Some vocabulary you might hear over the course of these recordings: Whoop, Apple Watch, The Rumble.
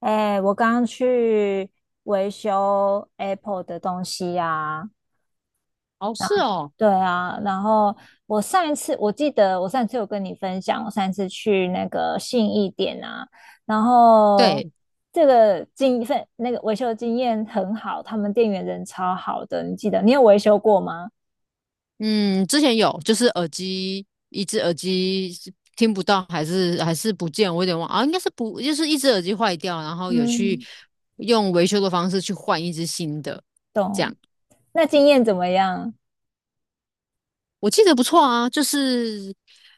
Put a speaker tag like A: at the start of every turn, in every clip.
A: 哎，我刚刚去维修 Apple 的东西呀、
B: 哦，是哦，
A: 对啊，然后我记得我上一次有跟你分享，我上一次去那个信义店啊，然后
B: 对，
A: 这个经份那个维修经验很好，他们店员人超好的，你记得你有维修过吗？
B: 嗯，之前有，就是耳机，一只耳机是听不到，还是不见，我有点忘啊，应该是不，就是一只耳机坏掉，然后有去
A: 嗯，
B: 用维修的方式去换一只新的，这
A: 懂。
B: 样
A: 那经验怎么样？
B: 我记得不错啊，就是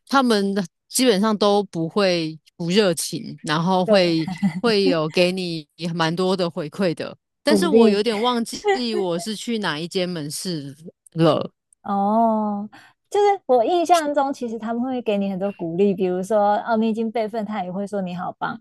B: 他们的基本上都不会不热情，然后
A: 对，
B: 会有给你蛮多的回馈的，但
A: 鼓
B: 是我
A: 励。
B: 有点忘记我是去哪一间门市了，
A: 哦，就是我印象中，其实他们会给你很多鼓励，比如说哦，你已经备份，他也会说你好棒，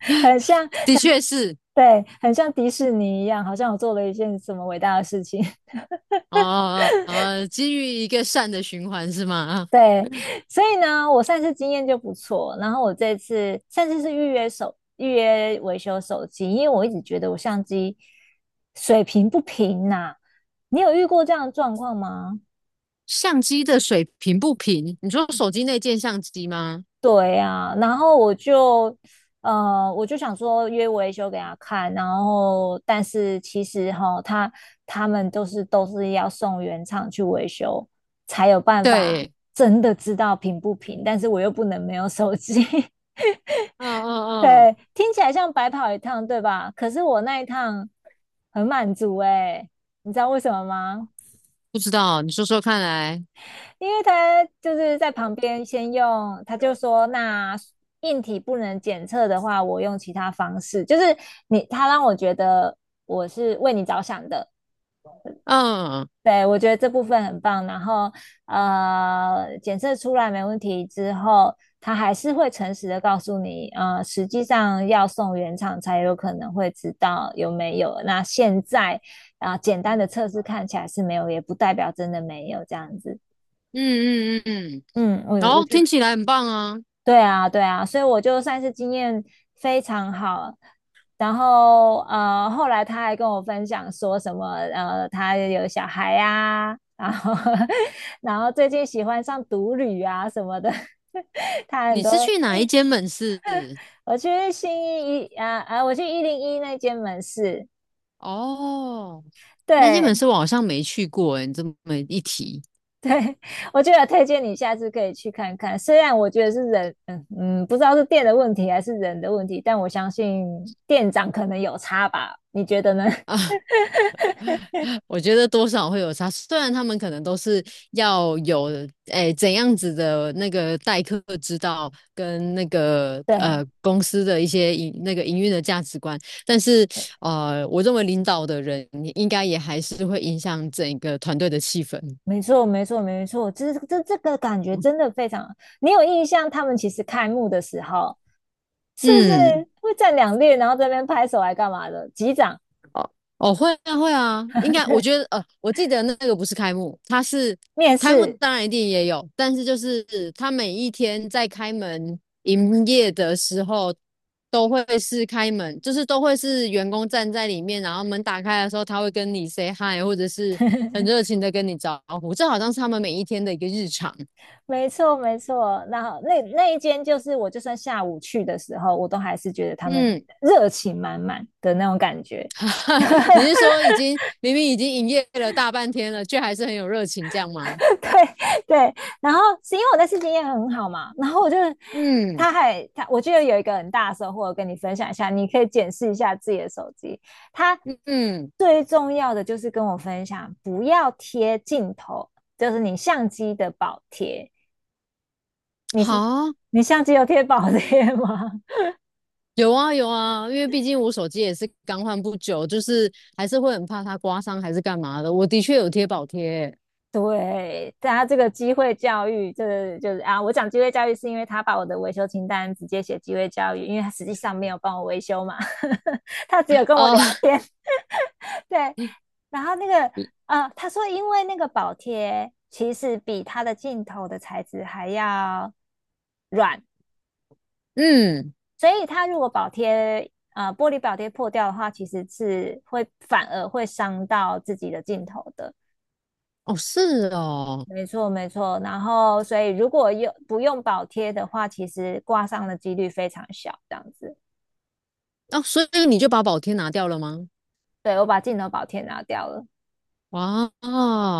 A: 很像，
B: 的确是。
A: 对，很像迪士尼一样，好像我做了一件什么伟大的事情。
B: 哦哦哦，基于一个善的循环是吗？
A: 对，所以呢，我上次经验就不错，然后我这次上次是预约维修手机，因为我一直觉得我相机水平不平呐、你有遇过这样的状况吗？
B: 相机的水平不平？你说手机内件相机吗？
A: 对呀、然后我就，我就想说约维修给他看，然后但是其实哈，他们都是要送原厂去维修，才有办法
B: 对，
A: 真的知道平不平，但是我又不能没有手机，
B: 嗯嗯嗯，
A: 对，听起来像白跑一趟，对吧？可是我那一趟很满足哎，你知道为什么吗？
B: 不知道，你说说看来。
A: 因为他就是在旁边先用，他就说那硬体不能检测的话，我用其他方式，就是让我觉得我是为你着想的，
B: 嗯
A: 对我觉得这部分很棒。然后检测出来没问题之后，他还是会诚实的告诉你，实际上要送原厂才有可能会知道有没有。那现在啊、呃简单的测试看起来是没有，也不代表真的没有这样子。
B: 嗯嗯嗯嗯，
A: 嗯，
B: 然
A: 我我
B: 后
A: 觉
B: 听
A: 得
B: 起来很棒啊。
A: 对啊，对啊，所以我就算是经验非常好。然后后来他还跟我分享说什么他有小孩呀、然后 然后最近喜欢上独旅啊什么的。他很
B: 你
A: 多，
B: 是去哪一间门市？
A: 我去一零一那间门市，
B: 哦，那间门
A: 对，
B: 市我好像没去过诶，你这么一提。
A: 我就得推荐你下次可以去看看。虽然我觉得是人，嗯嗯，不知道是店的问题还是人的问题，但我相信店长可能有差吧？你觉得呢？
B: 我觉得多少会有差，虽然他们可能都是要有诶怎样子的那个待客之道，跟那个
A: 对
B: 公司的一些营那个营运的价值观，但是
A: 对，
B: 我认为领导的人应该也还是会影响整个团队的气氛。
A: 没错没错没错，这个感觉真的非常。你有印象，他们其实开幕的时候是不
B: 嗯。
A: 是会站两列，然后这边拍手来干嘛的？击掌，
B: 哦，哦，会啊，会啊，应 该我
A: 对，
B: 觉得，我记得那个不是开幕，它是
A: 面
B: 开幕，
A: 试，
B: 当然一定也有，但是就是他每一天在开门营业的时候，都会是开门，就是都会是员工站在里面，然后门打开的时候，他会跟你 say hi，或者是很热情的跟你招呼，这好像是他们每一天的一个日常。
A: 没错没错。然后那一间就是我，就算下午去的时候，我都还是觉得他们
B: 嗯，
A: 热情满满的那种感觉。
B: 哈哈，你是说已经明明已经营业了大半天了，却还是很有热情这样吗？
A: 对对，然后是因为我的次经验很好嘛，然后我就
B: 嗯
A: 他还他，我记得有一个很大的收获，我跟你分享一下，你可以检视一下自己的手机。他
B: 嗯，
A: 最重要的就是跟我分享，不要贴镜头，就是你相机的保贴。你是
B: 好。
A: 你相机有贴保贴吗？
B: 有啊有啊，因为毕竟我手机也是刚换不久，就是还是会很怕它刮伤还是干嘛的。我的确有贴保贴
A: 对，他这个机会教育，这个就是啊，我讲机会教育是因为他把我的维修清单直接写机会教育，因为他实际上没有帮我维修嘛，呵呵他只有跟我
B: 啊，
A: 聊天。对，然后那个他说因为那个保贴其实比他的镜头的材质还要软，
B: 嗯，
A: 所以他如果玻璃保贴破掉的话，其实是反而会伤到自己的镜头的。
B: 哦是哦，
A: 没错，没错。然后，所以如果不用保贴的话，其实挂上的几率非常小，这样子。
B: 哦，所以你就把保贴拿掉了吗？
A: 对，我把镜头保贴拿掉了
B: 哇，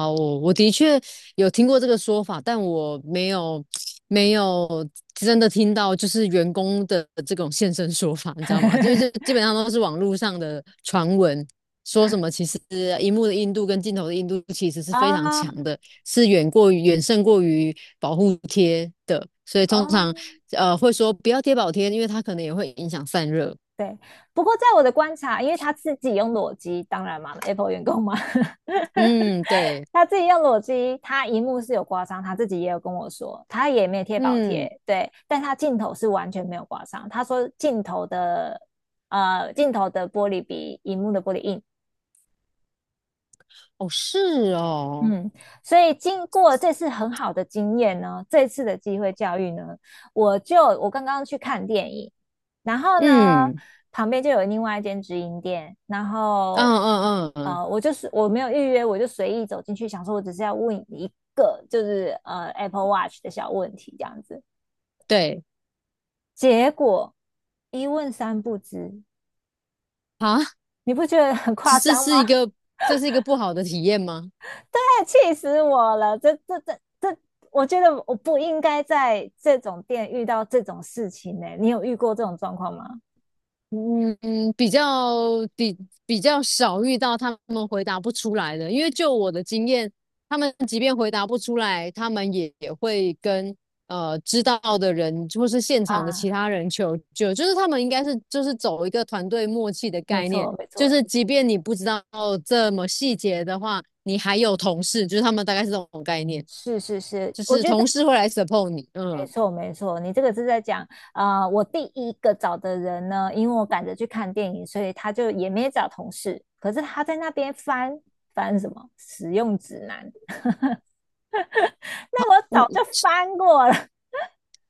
B: 我的确有听过这个说法，但我没有没有真的听到，就是员工的这种现身说法，你知道吗？就是就基本上都是网络上的传闻，说什么其实荧幕的硬度跟镜头的硬度其实是非常
A: 啊，
B: 强的，是远过于远胜过于保护贴的，所以通常
A: 哦，
B: 会说不要贴保贴，因为它可能也会影响散热。
A: 对。不过在我的观察，因为他自己用裸机，当然嘛，Apple 员工嘛，
B: 嗯，对，
A: 他自己用裸机，他荧幕是有刮伤，他自己也有跟我说，他也没有贴保贴，
B: 嗯，
A: 对，但他镜头是完全没有刮伤。他说镜头的玻璃比荧幕的玻璃硬，
B: 哦是哦，
A: 嗯，所以经过这次很好的经验呢，这次的机会教育呢，我刚刚去看电影，然后呢，
B: 嗯。
A: 旁边就有另外一间直营店，然
B: 嗯
A: 后
B: 嗯嗯嗯，
A: 我就是我没有预约，我就随意走进去，想说我只是要问一个就是呃 Apple Watch 的小问题这样子，
B: 对
A: 结果一问三不知，
B: 啊，
A: 你不觉得很
B: 这
A: 夸
B: 这
A: 张
B: 是
A: 吗？
B: 一个这是一个不好的体验吗？
A: 太气死我了！这这这这，我觉得我不应该在这种店遇到这种事情呢、欸你有遇过这种状况吗？
B: 嗯嗯，比较比比较少遇到他们回答不出来的，因为就我的经验，他们即便回答不出来，他们也会跟知道的人或是现场的
A: 啊，
B: 其他人求救，就是他们应该是就是走一个团队默契的
A: 没
B: 概念，
A: 错，没
B: 就
A: 错，
B: 是即便你不知道这么细节的话，你还有同事，就是他们大概是这种概念。
A: 是是是，
B: 就
A: 我
B: 是
A: 觉得
B: 同事会来 support 你，
A: 没
B: 嗯，
A: 错没错。你这个是在讲，啊，我第一个找的人呢，因为我赶着去看电影，所以他就也没找同事，可是他在那边翻什么使用指南，那个我
B: 嗯，
A: 早就翻过了。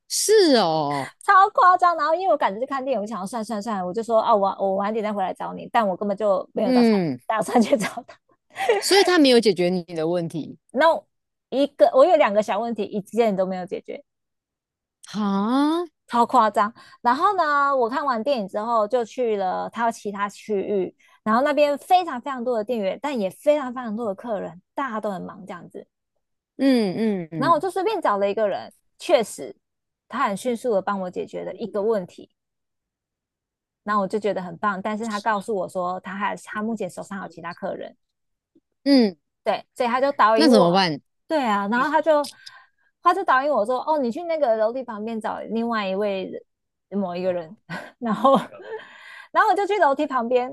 B: 是哦，
A: 超夸张。然后因为我赶着去看电影，我想要算算算，我就说啊，我晚点再回来找你，但我根本就没有
B: 嗯，
A: 打算去找他。
B: 所以他没有解决你的问题，
A: 那一个我有两个小问题，一件都没有解决，
B: 哈，
A: 超夸张。然后呢，我看完电影之后就去了他其他区域，然后那边非常非常多的店员，但也非常非常多的客人，大家都很忙这样子。
B: 嗯嗯
A: 然后我
B: 嗯
A: 就随便找了一个人，确实他很迅速的帮我解决了一个问题。那我就觉得很棒。但是他告诉我说，他目前手上有其他客人，
B: 嗯，
A: 对，所以他就导
B: 那
A: 引
B: 怎么
A: 我，
B: 办？
A: 对啊，然后他就导引我说，哦，你去那个楼梯旁边找另外一位某一个人，然后然后我就去楼梯旁边，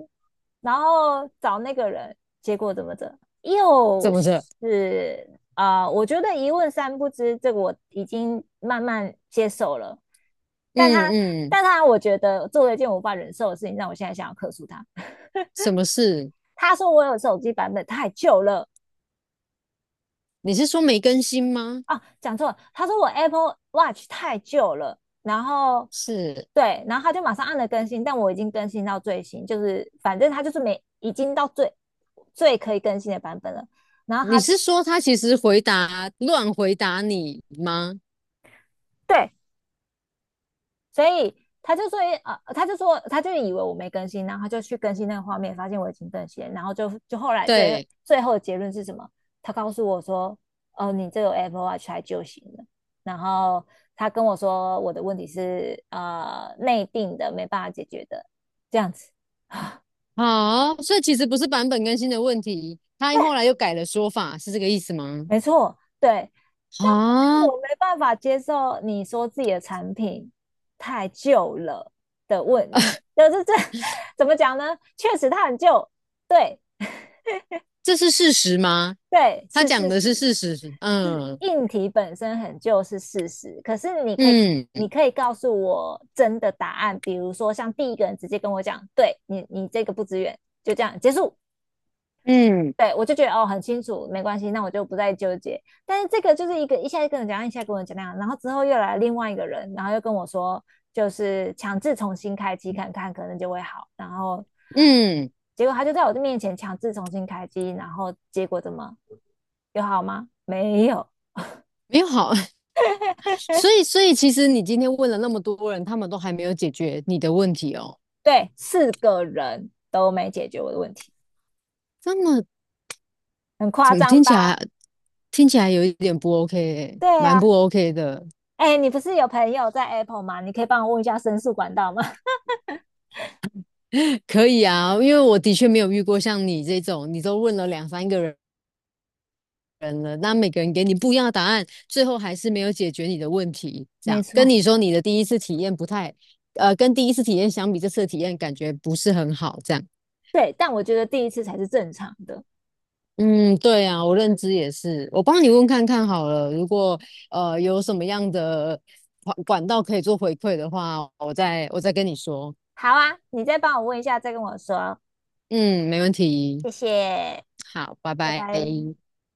A: 然后找那个人，结果怎么着，又
B: 怎么着？
A: 是啊、呃我觉得一问三不知，这个我已经慢慢接受了，但
B: 嗯
A: 他
B: 嗯，
A: 但他我觉得做了一件我无法忍受的事情，让我现在想要克诉他。
B: 什么事？
A: 他说我有手机版本太旧了，
B: 你是说没更新吗？
A: 啊，讲错了，他说我 Apple Watch 太旧了，然后
B: 是，
A: 对，然后他就马上按了更新，但我已经更新到最新，就是反正他就是没已经到最可以更新的版本了。然后
B: 你
A: 他
B: 是说他其实回答乱回答你吗？
A: 对所以他就说啊，呃，他就以为我没更新，然后他就去更新那个画面，发现我已经更新，然后就后来
B: 对，
A: 最后的结论是什么？他告诉我说，哦，你这个 Apple Watch 还就行了。然后他跟我说，我的问题是呃内定的，没办法解决的，这样子，
B: 好，所以其实不是版本更新的问题，他后来又改了说法，是这个意思吗？
A: 没错，对。但但
B: 啊，
A: 我没办法接受你说自己的产品太旧了的问，就是这 怎么讲呢？确实它很旧，对，
B: 这是事实吗？
A: 对，
B: 他
A: 是
B: 讲
A: 事
B: 的是
A: 实，
B: 事实，
A: 是
B: 嗯
A: 硬题本身很旧是事实，可是你可以，
B: 嗯
A: 你可以告诉我真的答案，比如说像第一个人直接跟我讲，对你，你这个不支援，就这样结束，
B: 嗯
A: 对，我就觉得哦，很清楚，没关系，那我就不再纠结。但是这个就是一个一下跟我讲那样，然后之后又来另外一个人，然后又跟我说，就是强制重新开机看看，可能就会好。然后
B: 嗯，
A: 结果他就在我的面前强制重新开机，然后结果怎么有好吗？没有，
B: 没有好，所以所以其实你今天问了那么多人，他们都还没有解决你的问题哦，
A: 对，四个人都没解决我的问题，
B: 这么
A: 很夸
B: 怎么
A: 张
B: 听起
A: 吧？
B: 来听起来有一点不 OK，欸
A: 对
B: 蛮
A: 啊，
B: 不 OK 的。
A: 哎，你不是有朋友在 Apple 吗？你可以帮我问一下申诉管道吗？
B: 可以啊，因为我的确没有遇过像你这种，你都问了两三个人，人了，那每个人给你不一样的答案，最后还是没有解决你的问题。这
A: 没
B: 样跟
A: 错，
B: 你说，你的第一次体验不太，跟第一次体验相比，这次的体验感觉不是很好。这样，
A: 对，但我觉得第一次才是正常的。
B: 嗯，对啊，我认知也是。我帮你问看看好了，如果有什么样的管道可以做回馈的话，我再跟你说。
A: 好啊，你再帮我问一下，再跟我说，
B: 嗯，没问题。
A: 谢谢，
B: 好，拜
A: 拜
B: 拜。
A: 拜。